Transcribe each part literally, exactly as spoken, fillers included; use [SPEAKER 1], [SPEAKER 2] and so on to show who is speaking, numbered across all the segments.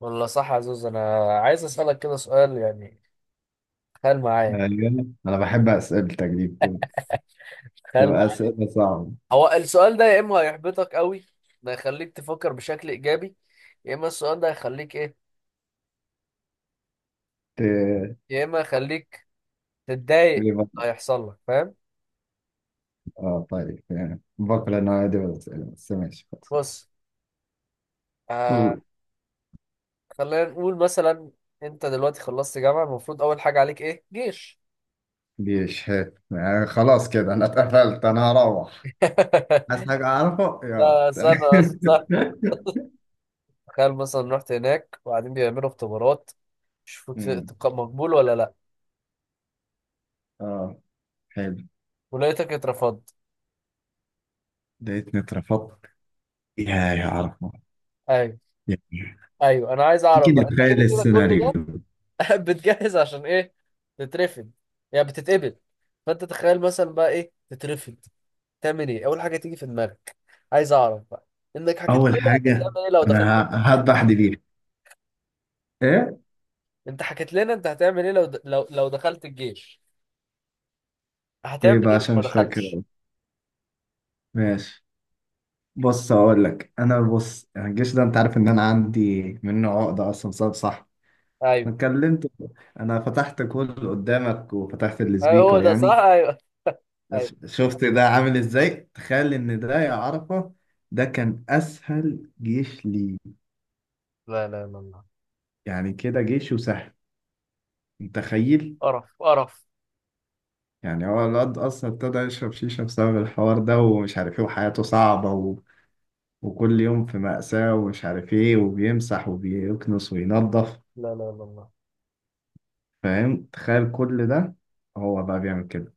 [SPEAKER 1] والله صح يا زوز، انا عايز اسالك كده سؤال يعني. تخيل معايا يعني،
[SPEAKER 2] ايوه، انا بحب اسئلتك دي، بت-
[SPEAKER 1] تخيل
[SPEAKER 2] بتبقى
[SPEAKER 1] معايا.
[SPEAKER 2] اسئله صعبه.
[SPEAKER 1] هو السؤال ده يا اما هيحبطك قوي، ده يخليك تفكر بشكل ايجابي، يا اما السؤال ده هيخليك ايه،
[SPEAKER 2] ت-
[SPEAKER 1] يا اما يخليك تتضايق
[SPEAKER 2] بيبقى-
[SPEAKER 1] هيحصل لك، فاهم؟
[SPEAKER 2] اه، طيب يعني بكره انا عادي بالاسئله، بس ماشي خلاص.
[SPEAKER 1] بص، آه،
[SPEAKER 2] قول.
[SPEAKER 1] خلينا نقول مثلا انت دلوقتي خلصت جامعه، المفروض اول حاجه عليك ايه؟ جيش.
[SPEAKER 2] ليش هيك يعني؟ خلاص كده انا اتقفلت، انا هروح. عايز حاجه اعرفه؟ يلا
[SPEAKER 1] لا
[SPEAKER 2] سلام.
[SPEAKER 1] استنى بس، استنى. تخيل مثلا رحت هناك وبعدين بيعملوا اختبارات يشوفوا ت-
[SPEAKER 2] أمم،
[SPEAKER 1] تبقى مقبول ولا لا،
[SPEAKER 2] اه، حلو.
[SPEAKER 1] ولقيتك اترفضت.
[SPEAKER 2] لقيتني اترفضت. يا يا عرفه.
[SPEAKER 1] ايوه،
[SPEAKER 2] يا-
[SPEAKER 1] ايوه، انا عايز اعرف
[SPEAKER 2] يمكن
[SPEAKER 1] بقى انت كده
[SPEAKER 2] نتخيل
[SPEAKER 1] كده كل
[SPEAKER 2] السيناريو.
[SPEAKER 1] ده بتجهز عشان ايه؟ تترفض يعني بتتقبل؟ فانت تخيل مثلا بقى ايه تترفض، تعمل ايه؟ اول حاجه تيجي في دماغك، عايز اعرف بقى، انك حكيت
[SPEAKER 2] اول
[SPEAKER 1] لنا انت
[SPEAKER 2] حاجه،
[SPEAKER 1] هتعمل ايه لو دخلت.
[SPEAKER 2] انا ه- هذبح دبيح ايه؟
[SPEAKER 1] انت حكيت لنا انت هتعمل ايه لو د... لو لو دخلت الجيش،
[SPEAKER 2] ايه
[SPEAKER 1] هتعمل
[SPEAKER 2] بقى؟
[SPEAKER 1] ايه لو
[SPEAKER 2] عشان
[SPEAKER 1] ما
[SPEAKER 2] مش
[SPEAKER 1] دخلتش؟
[SPEAKER 2] فاكر. ماشي، بص هقول لك. انا بص، يعني الجيش ده، انت عارف ان انا عندي منه عقده اصلا، صعب، صح؟ ما
[SPEAKER 1] ايوه،
[SPEAKER 2] اتكلمت. انا فتحت كل قدامك وفتحت
[SPEAKER 1] ايوه، هو
[SPEAKER 2] السبيكر
[SPEAKER 1] ده صح،
[SPEAKER 2] يعني.
[SPEAKER 1] ايوه، ايوه.
[SPEAKER 2] ش- شفت ده عامل ازاي؟ تخيل ان ده، يا عرفه، ده كان اسهل جيش لي.
[SPEAKER 1] لا لا لا، الله.
[SPEAKER 2] يعني كده جيشه سهل؟ متخيل؟
[SPEAKER 1] قرف قرف.
[SPEAKER 2] يعني هو الواد اصلا ابتدى يشرب شيشه بسبب الحوار ده، ومش عارف ايه، وحياته صعبه و... وكل يوم في مأساة، ومش عارف ايه، وبيمسح وبيكنس وينظف.
[SPEAKER 1] لا لا لا، الله.
[SPEAKER 2] فاهم؟ تخيل كل ده. هو بقى بيعمل كده.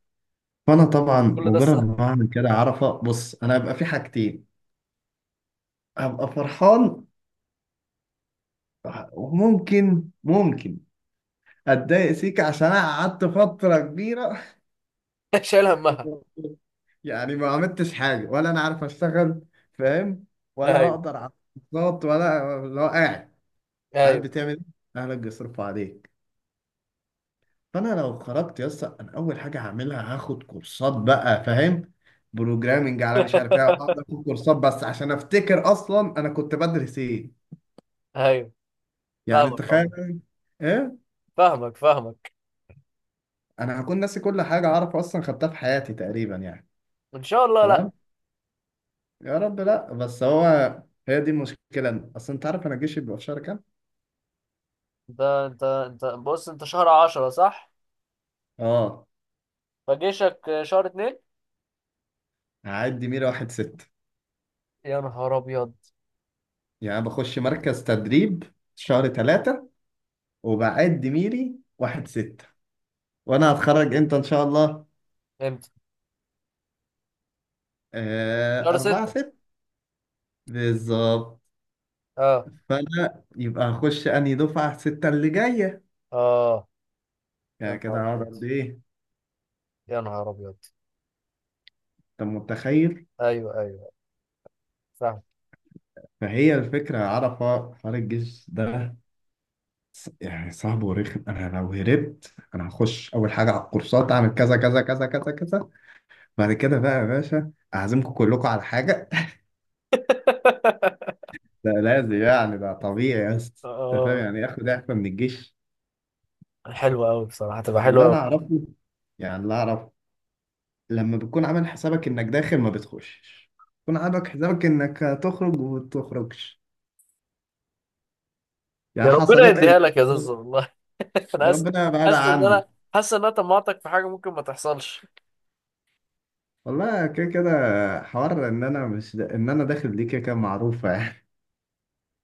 [SPEAKER 2] فانا طبعا
[SPEAKER 1] كل ده
[SPEAKER 2] مجرد
[SPEAKER 1] سهل.
[SPEAKER 2] ما اعمل كده، عرفه، بص، انا هبقى في حاجتين. هبقى فرحان، وممكن ممكن اتضايق سيكا عشان انا قعدت فتره كبيره.
[SPEAKER 1] شايل همها.
[SPEAKER 2] يعني ما عملتش حاجه، ولا انا عارف اشتغل، فاهم؟ ولا
[SPEAKER 1] ايوه،
[SPEAKER 2] هقدر على الكورسات، ولا. لو قاعد، قاعد
[SPEAKER 1] ايوه.
[SPEAKER 2] بتعمل ايه؟ اهلك بيصرفوا عليك. فانا لو خرجت يا اسطى، انا اول حاجه هعملها هاخد كورسات بقى، فاهم؟ بروجرامنج، على مش عارف ايه، هقعد اخد كورسات بس عشان افتكر اصلا انا كنت بدرس ايه.
[SPEAKER 1] ايوه.
[SPEAKER 2] يعني
[SPEAKER 1] فاهمك
[SPEAKER 2] تخيل.
[SPEAKER 1] عموما،
[SPEAKER 2] ايه،
[SPEAKER 1] فاهمك فاهمك
[SPEAKER 2] انا هكون ناسي كل حاجه اعرف اصلا خدتها في حياتي تقريبا يعني.
[SPEAKER 1] ان شاء الله لا.
[SPEAKER 2] تمام. يا رب لا، بس هو، هي دي المشكله اصلا. انت عارف انا الجيش بيبقى في شهر كام؟
[SPEAKER 1] انت انت انت بص، انت شهر عشرة صح؟
[SPEAKER 2] اه،
[SPEAKER 1] فجيشك شهر اتنين.
[SPEAKER 2] هعدي ميري واحد ست.
[SPEAKER 1] يا نهار ابيض.
[SPEAKER 2] يعني بخش مركز تدريب شهر ثلاثة، وبعد ميري واحد ستة. وانا هتخرج امتى ان شاء الله؟
[SPEAKER 1] امتى؟
[SPEAKER 2] آه،
[SPEAKER 1] شهر
[SPEAKER 2] أربعة
[SPEAKER 1] ستة.
[SPEAKER 2] ست. بالظبط.
[SPEAKER 1] اه.
[SPEAKER 2] فأنا يبقى هخش أنهي دفعة؟ ستة اللي جاية.
[SPEAKER 1] اه. يا
[SPEAKER 2] يعني كده
[SPEAKER 1] نهار
[SPEAKER 2] هقعد
[SPEAKER 1] ابيض،
[SPEAKER 2] قد إيه؟
[SPEAKER 1] يا نهار ابيض.
[SPEAKER 2] أنت متخيل؟
[SPEAKER 1] ايوه، ايوه، فاهم.
[SPEAKER 2] فهي الفكرة، عرفة، حوار الجيش ده، ص- يعني صعب ورخم. أنا لو هربت، أنا هخش أول حاجة على الكورسات، أعمل كذا كذا كذا كذا كذا. بعد كده بقى يا باشا أعزمكم كلكم على حاجة. ده لازم، يعني ده طبيعي يا اسطى. أنت فاهم
[SPEAKER 1] اه،
[SPEAKER 2] يعني إيه آخد إعفاء من الجيش؟
[SPEAKER 1] حلوة قوي بصراحة، تبقى حلوة
[SPEAKER 2] اللي
[SPEAKER 1] قوي.
[SPEAKER 2] أنا أعرفه، يعني اللي أعرفه، لما بتكون عامل حسابك انك داخل، ما بتخشش. بتكون عامل حسابك انك هتخرج، وما بتخرجش.
[SPEAKER 1] يا
[SPEAKER 2] يعني
[SPEAKER 1] ربنا
[SPEAKER 2] حصلت
[SPEAKER 1] يديها
[SPEAKER 2] لي.
[SPEAKER 1] لك يا زوز، والله. انا
[SPEAKER 2] يا
[SPEAKER 1] حاسس،
[SPEAKER 2] ربنا بعد
[SPEAKER 1] حاسس ان
[SPEAKER 2] عني.
[SPEAKER 1] انا حاسس ان انا طمعتك في حاجة ممكن ما تحصلش.
[SPEAKER 2] والله كده كده. حوار ان انا مش دا... ان انا داخل دي كده كده معروفه يعني.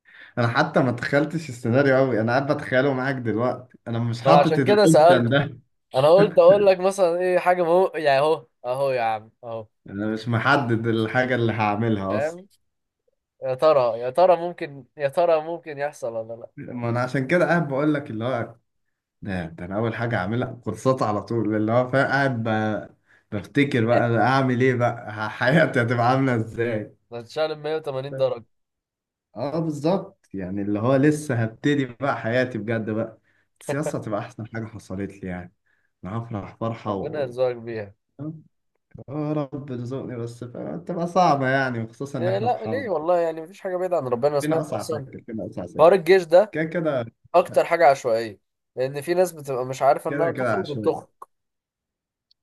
[SPEAKER 2] انا حتى ما تخيلتش السيناريو قوي، انا قاعد بتخيله معاك دلوقتي. انا مش
[SPEAKER 1] ما انا
[SPEAKER 2] حاطط
[SPEAKER 1] عشان كده
[SPEAKER 2] الاوبشن
[SPEAKER 1] سألته.
[SPEAKER 2] ده.
[SPEAKER 1] انا قلت اقول لك مثلا ايه حاجة، مهو يعني اهو اهو يا عم اهو.
[SPEAKER 2] انا مش محدد الحاجه اللي هعملها اصلا.
[SPEAKER 1] فاهم؟ يا ترى يا ترى ممكن يا ترى ممكن يحصل ولا لا؟
[SPEAKER 2] ما انا عشان كده قاعد بقول لك. اللي هو، ده ده انا اول حاجه اعملها كورسات على طول، اللي هو، فاهم؟ قاعد ب- بفتكر بقى. أنا اعمل ايه بقى؟ ح- حياتي هتبقى عامله ازاي؟
[SPEAKER 1] هتشال مية وتمانين درجة.
[SPEAKER 2] اه، بالظبط، يعني اللي هو لسه هبتدي بقى حياتي بجد بقى. السياسه هتبقى احسن حاجه حصلت لي يعني. انا هفرح فرحه
[SPEAKER 1] ربنا
[SPEAKER 2] و
[SPEAKER 1] يرزقك بيها.
[SPEAKER 2] آه، يا رب رزقني بس. فاهم؟ تبقى صعبه يعني، وخصوصا ان
[SPEAKER 1] إيه؟
[SPEAKER 2] احنا في
[SPEAKER 1] لا ليه،
[SPEAKER 2] حرب.
[SPEAKER 1] والله يعني مفيش حاجة بعيدة عن ربنا. أنا
[SPEAKER 2] فينا
[SPEAKER 1] سمعت
[SPEAKER 2] اصعب
[SPEAKER 1] أصلا
[SPEAKER 2] ساكر، فينا اصعب
[SPEAKER 1] حوار
[SPEAKER 2] ساكر.
[SPEAKER 1] الجيش ده
[SPEAKER 2] كده كده.
[SPEAKER 1] أكتر حاجة عشوائية، لأن في ناس بتبقى مش عارفة إنها
[SPEAKER 2] كده كده
[SPEAKER 1] تخرج
[SPEAKER 2] عشوائي.
[SPEAKER 1] وبتخرج.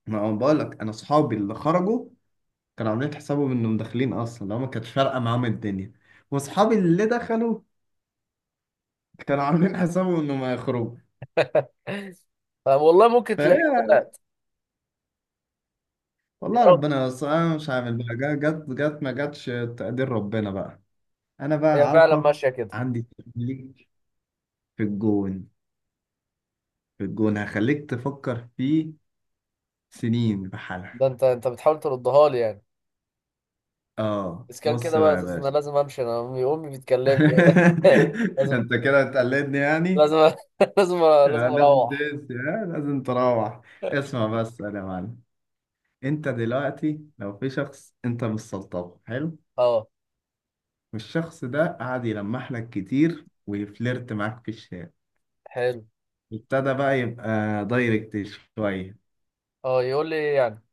[SPEAKER 2] ما هو بقول لك، انا اصحابي اللي خرجوا كانوا عاملين حسابهم انهم داخلين اصلا، لو ما كانت فارقه معاهم الدنيا. واصحابي اللي دخلوا كانوا عاملين حسابهم انهم ما يخرجوا.
[SPEAKER 1] والله ممكن تلاقيك
[SPEAKER 2] فهي،
[SPEAKER 1] طلعت. يا
[SPEAKER 2] والله
[SPEAKER 1] رب.
[SPEAKER 2] ربنا، بس انا مش عامل بقى، جا- جت جت ما جاتش. تقدير ربنا بقى. انا
[SPEAKER 1] هي
[SPEAKER 2] بقى
[SPEAKER 1] فعلا
[SPEAKER 2] عارفه.
[SPEAKER 1] ماشية كده.
[SPEAKER 2] عندي ليك في الجون، في الجون هخليك تفكر فيه سنين بحالها.
[SPEAKER 1] ده أنت، أنت بتحاول تردها لي يعني؟
[SPEAKER 2] اه،
[SPEAKER 1] بس كان
[SPEAKER 2] بص
[SPEAKER 1] كده بقى
[SPEAKER 2] بقى يا
[SPEAKER 1] أساس، أنا
[SPEAKER 2] باشا.
[SPEAKER 1] لازم أمشي، أنا أمي، أمي بتكلمني. لازم،
[SPEAKER 2] انت كده هتقلدني يعني؟
[SPEAKER 1] لازم. لازم، لازم
[SPEAKER 2] آه، لازم
[SPEAKER 1] أروح.
[SPEAKER 2] تقيس. آه، لازم تروح. اسمع بس يا معلم. انت دلوقتي لو في شخص، انت مش سلطبه، حلو،
[SPEAKER 1] أه،
[SPEAKER 2] والشخص ده قعد يلمح لك كتير ويفلرت معاك في الشارع،
[SPEAKER 1] حلو.
[SPEAKER 2] ابتدى بقى يبقى دايركت شويه،
[SPEAKER 1] أه، يقول لي إيه يعني؟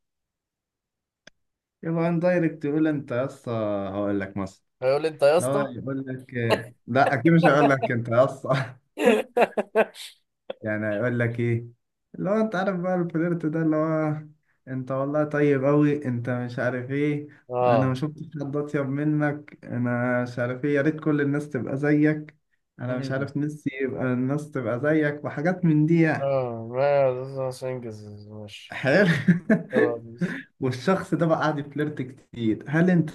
[SPEAKER 2] يبقى ان دايركت، يقول انت يا اسطى. هقول لك مثلا.
[SPEAKER 1] هيقول لي انت يا
[SPEAKER 2] لو
[SPEAKER 1] اسطى.
[SPEAKER 2] يقول لك، لا، اكيد مش هقول لك انت يا اسطى. يعني هيقول لك ايه؟ اللي هو انت عارف بقى الفليرت ده، اللي هو، انت والله طيب قوي، انت مش عارف ايه، انا ما
[SPEAKER 1] اه.
[SPEAKER 2] شفتش حد اطيب منك، انا مش عارف ايه، يا ريت كل الناس تبقى زيك، انا مش
[SPEAKER 1] مم.
[SPEAKER 2] عارف نفسي يبقى الناس تبقى زيك، وحاجات من دي يعني.
[SPEAKER 1] اه، ما عشان انجز، ماشي.
[SPEAKER 2] حلو.
[SPEAKER 1] خلاص.
[SPEAKER 2] والشخص ده بقى قاعد يفليرت كتير. هل انت؟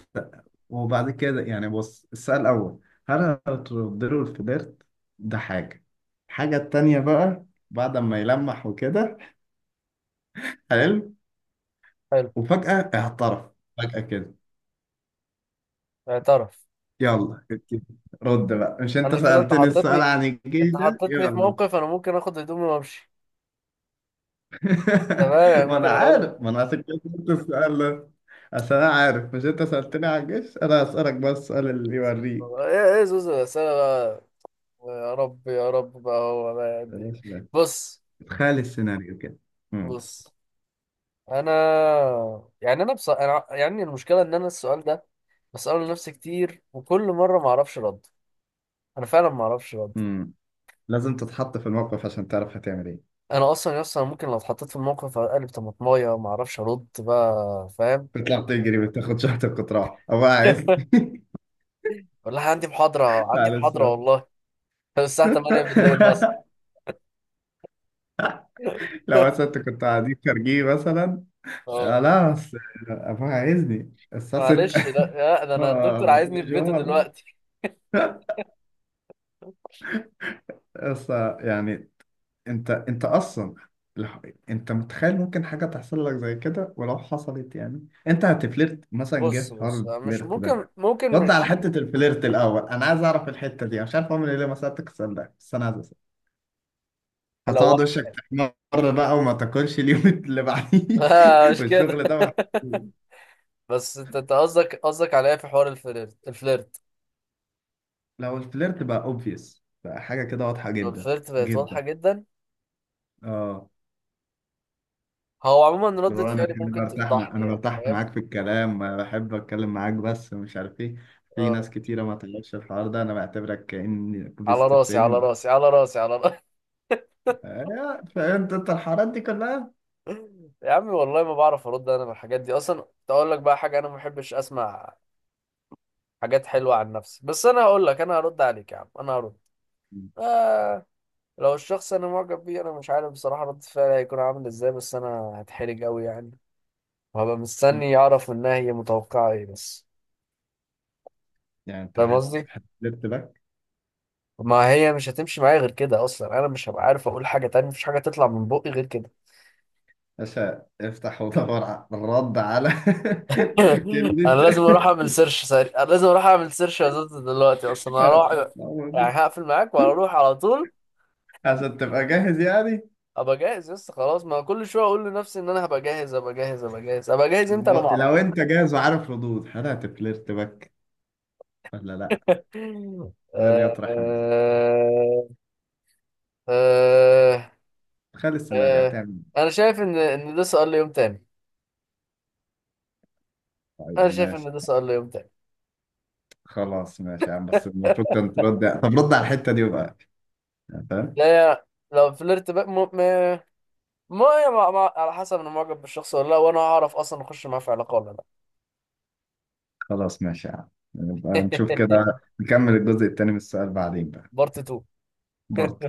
[SPEAKER 2] وبعد كده يعني، بص، السؤال الأول، هل هترد له الفليرت؟ ده حاجة. الحاجة التانية بقى، بعد ما يلمح وكده، حلو،
[SPEAKER 1] حلو.
[SPEAKER 2] وفجأة اعترف، فجأة كده.
[SPEAKER 1] اعترف.
[SPEAKER 2] يلا كده، رد بقى. مش انت
[SPEAKER 1] انا كده، انت
[SPEAKER 2] سألتني السؤال
[SPEAKER 1] حطيتني،
[SPEAKER 2] عن الجيش
[SPEAKER 1] انت
[SPEAKER 2] ده؟
[SPEAKER 1] حطيتني في
[SPEAKER 2] يلا.
[SPEAKER 1] موقف انا ممكن اخد هدومي وامشي. تمام يعني،
[SPEAKER 2] ما
[SPEAKER 1] ممكن
[SPEAKER 2] انا
[SPEAKER 1] اقول
[SPEAKER 2] عارف، ما انا عشان كده قلت السؤال ده، عشان انا عارف، مش انت سألتني عن الجيش؟ انا هسألك بقى السؤال اللي يوريك.
[SPEAKER 1] ايه؟ ايه زوز الاسئله بقى؟ يا رب، يا رب بقى هو بقى
[SPEAKER 2] يا
[SPEAKER 1] قد ايه.
[SPEAKER 2] باشا لا،
[SPEAKER 1] بص،
[SPEAKER 2] تخيل السيناريو كده. مم.
[SPEAKER 1] بص انا يعني، انا بص... أنا... يعني المشكله ان انا السؤال ده بساله لنفسي كتير وكل مره ما اعرفش رد. انا فعلا ما اعرفش رد.
[SPEAKER 2] مم. لازم تتحط في الموقف عشان تعرف هتعمل ايه.
[SPEAKER 1] انا اصلا يا اسطى، أنا ممكن لو اتحطيت في الموقف اقلب طماطمايه وما اعرفش ارد بقى، فاهم؟
[SPEAKER 2] بتطلع تجري، بتاخد شنطة وتروح، او قاعد؟
[SPEAKER 1] ولا عندي محاضره، عندي
[SPEAKER 2] على
[SPEAKER 1] محاضره
[SPEAKER 2] السؤال.
[SPEAKER 1] والله. الساعه تمانية بالليل مثلا.
[SPEAKER 2] لو مثلا انت كنت قاعدين خارجين مثلا. آه
[SPEAKER 1] اه.
[SPEAKER 2] لا، بس ابوها عايزني الساعة ستة.
[SPEAKER 1] معلش، لا لا، ده انا الدكتور
[SPEAKER 2] آه،
[SPEAKER 1] عايزني في بيته
[SPEAKER 2] مشوار
[SPEAKER 1] دلوقتي.
[SPEAKER 2] بس. يعني، انت انت اصلا، لح- انت متخيل ممكن حاجة تحصل لك زي كده؟ ولو حصلت، يعني، انت هتفلرت مثلا، جه
[SPEAKER 1] بص
[SPEAKER 2] في حوار
[SPEAKER 1] بص، مش
[SPEAKER 2] الفلرت ده؟
[SPEAKER 1] ممكن، ممكن
[SPEAKER 2] رد على
[SPEAKER 1] مش.
[SPEAKER 2] حتة الفلرت الأول. أنا عايز أعرف الحتة دي. أنا مش عارف أعمل إيه. ليه ما سألتك السؤال ده، بس أنا عايز أسأل.
[SPEAKER 1] لو
[SPEAKER 2] هتقعد وشك تحمر بقى وما تاكلش اليوم اللي بعديه،
[SPEAKER 1] لا مش كده.
[SPEAKER 2] والشغل ده ما-
[SPEAKER 1] بس انت، أنت قصدك، قصدك عليا في حوار الفليرت الفليرت.
[SPEAKER 2] لو الفلرت بقى أوبفيس بقى حاجة كده واضحة
[SPEAKER 1] لو
[SPEAKER 2] جدا.
[SPEAKER 1] الفليرت بقت واضحه
[SPEAKER 2] جدا،
[SPEAKER 1] جدا،
[SPEAKER 2] اه.
[SPEAKER 1] هو عموما
[SPEAKER 2] اللي
[SPEAKER 1] ردة
[SPEAKER 2] هو، انا
[SPEAKER 1] فعلي
[SPEAKER 2] بحب
[SPEAKER 1] ممكن
[SPEAKER 2] برتاح مع...
[SPEAKER 1] تفضحني
[SPEAKER 2] انا
[SPEAKER 1] يعني،
[SPEAKER 2] برتاح
[SPEAKER 1] فاهم؟
[SPEAKER 2] معاك في الكلام، أنا بحب اتكلم معاك، بس مش عارف ايه. في ناس
[SPEAKER 1] اه،
[SPEAKER 2] كتيرة ما تعرفش الحوار ده. انا بعتبرك كأني
[SPEAKER 1] على
[SPEAKER 2] بيست
[SPEAKER 1] راسي، على
[SPEAKER 2] فريند.
[SPEAKER 1] راسي، على راسي، على.
[SPEAKER 2] فهمت انت الحوارات دي كلها؟
[SPEAKER 1] يا عمي والله ما بعرف ارد انا من الحاجات دي اصلا، كنت اقول لك بقى حاجه انا ما بحبش اسمع حاجات حلوه عن نفسي، بس انا هقول لك، انا هرد عليك يا عم، انا هرد.
[SPEAKER 2] مم.
[SPEAKER 1] آه. لو الشخص انا معجب بيه، انا مش عارف بصراحه رد فعلي هيكون عامل ازاي، بس انا هتحرج قوي يعني، وهبقى مستني اعرف منها هي متوقعه ايه بس.
[SPEAKER 2] يعني انت
[SPEAKER 1] فاهم
[SPEAKER 2] هت
[SPEAKER 1] قصدي؟
[SPEAKER 2] هتلت باك،
[SPEAKER 1] ما هي مش هتمشي معايا غير كده، اصلا انا مش هبقى عارف اقول حاجه تانية، مفيش حاجه تطلع من بقي غير كده.
[SPEAKER 2] عشان افتح ودور على الرد، على كلمة.
[SPEAKER 1] انا لازم اروح اعمل سيرش سريع، انا لازم اروح اعمل سيرش يا زوز دلوقتي، اصلا انا هروح. يعني
[SPEAKER 2] هتتعوض.
[SPEAKER 1] هقفل معاك وهروح على طول.
[SPEAKER 2] عشان تبقى جاهز يعني.
[SPEAKER 1] ابقى جاهز؟ لسه خلاص، ما كل شويه اقول لنفسي ان انا هبقى جاهز، ابقى جاهز، ابقى جاهز، ابقى جاهز، انت انا
[SPEAKER 2] ب-
[SPEAKER 1] ما اعرف.
[SPEAKER 2] لو انت جاهز وعارف ردود، هل هتفلرت باك ولا لا؟ سؤال
[SPEAKER 1] آه،
[SPEAKER 2] يطرح نفسه.
[SPEAKER 1] آه، آه،
[SPEAKER 2] تخيل السيناريو،
[SPEAKER 1] آه.
[SPEAKER 2] هتعمل
[SPEAKER 1] انا شايف ان ان ده سؤال ليوم تاني.
[SPEAKER 2] إيه؟
[SPEAKER 1] انا
[SPEAKER 2] طيب
[SPEAKER 1] شايف ان
[SPEAKER 2] ماشي.
[SPEAKER 1] ده سؤال ليوم تاني.
[SPEAKER 2] خلاص، ماشي يا عم، بس المفروض كنت ترد يعني. طب رد على الحتة دي بقى، يعني فاهم؟
[SPEAKER 1] لا يا، لو فلرت بقى م... م... ما ما ما على حسب انا معجب بالشخص ولا لا، وانا هعرف اصلا اخش معاه في علاقه ولا لا.
[SPEAKER 2] خلاص، ماشي يا عم، نبقى نشوف كده. نكمل الجزء التاني من السؤال بعدين بقى.
[SPEAKER 1] بارت اتنين.
[SPEAKER 2] برضه.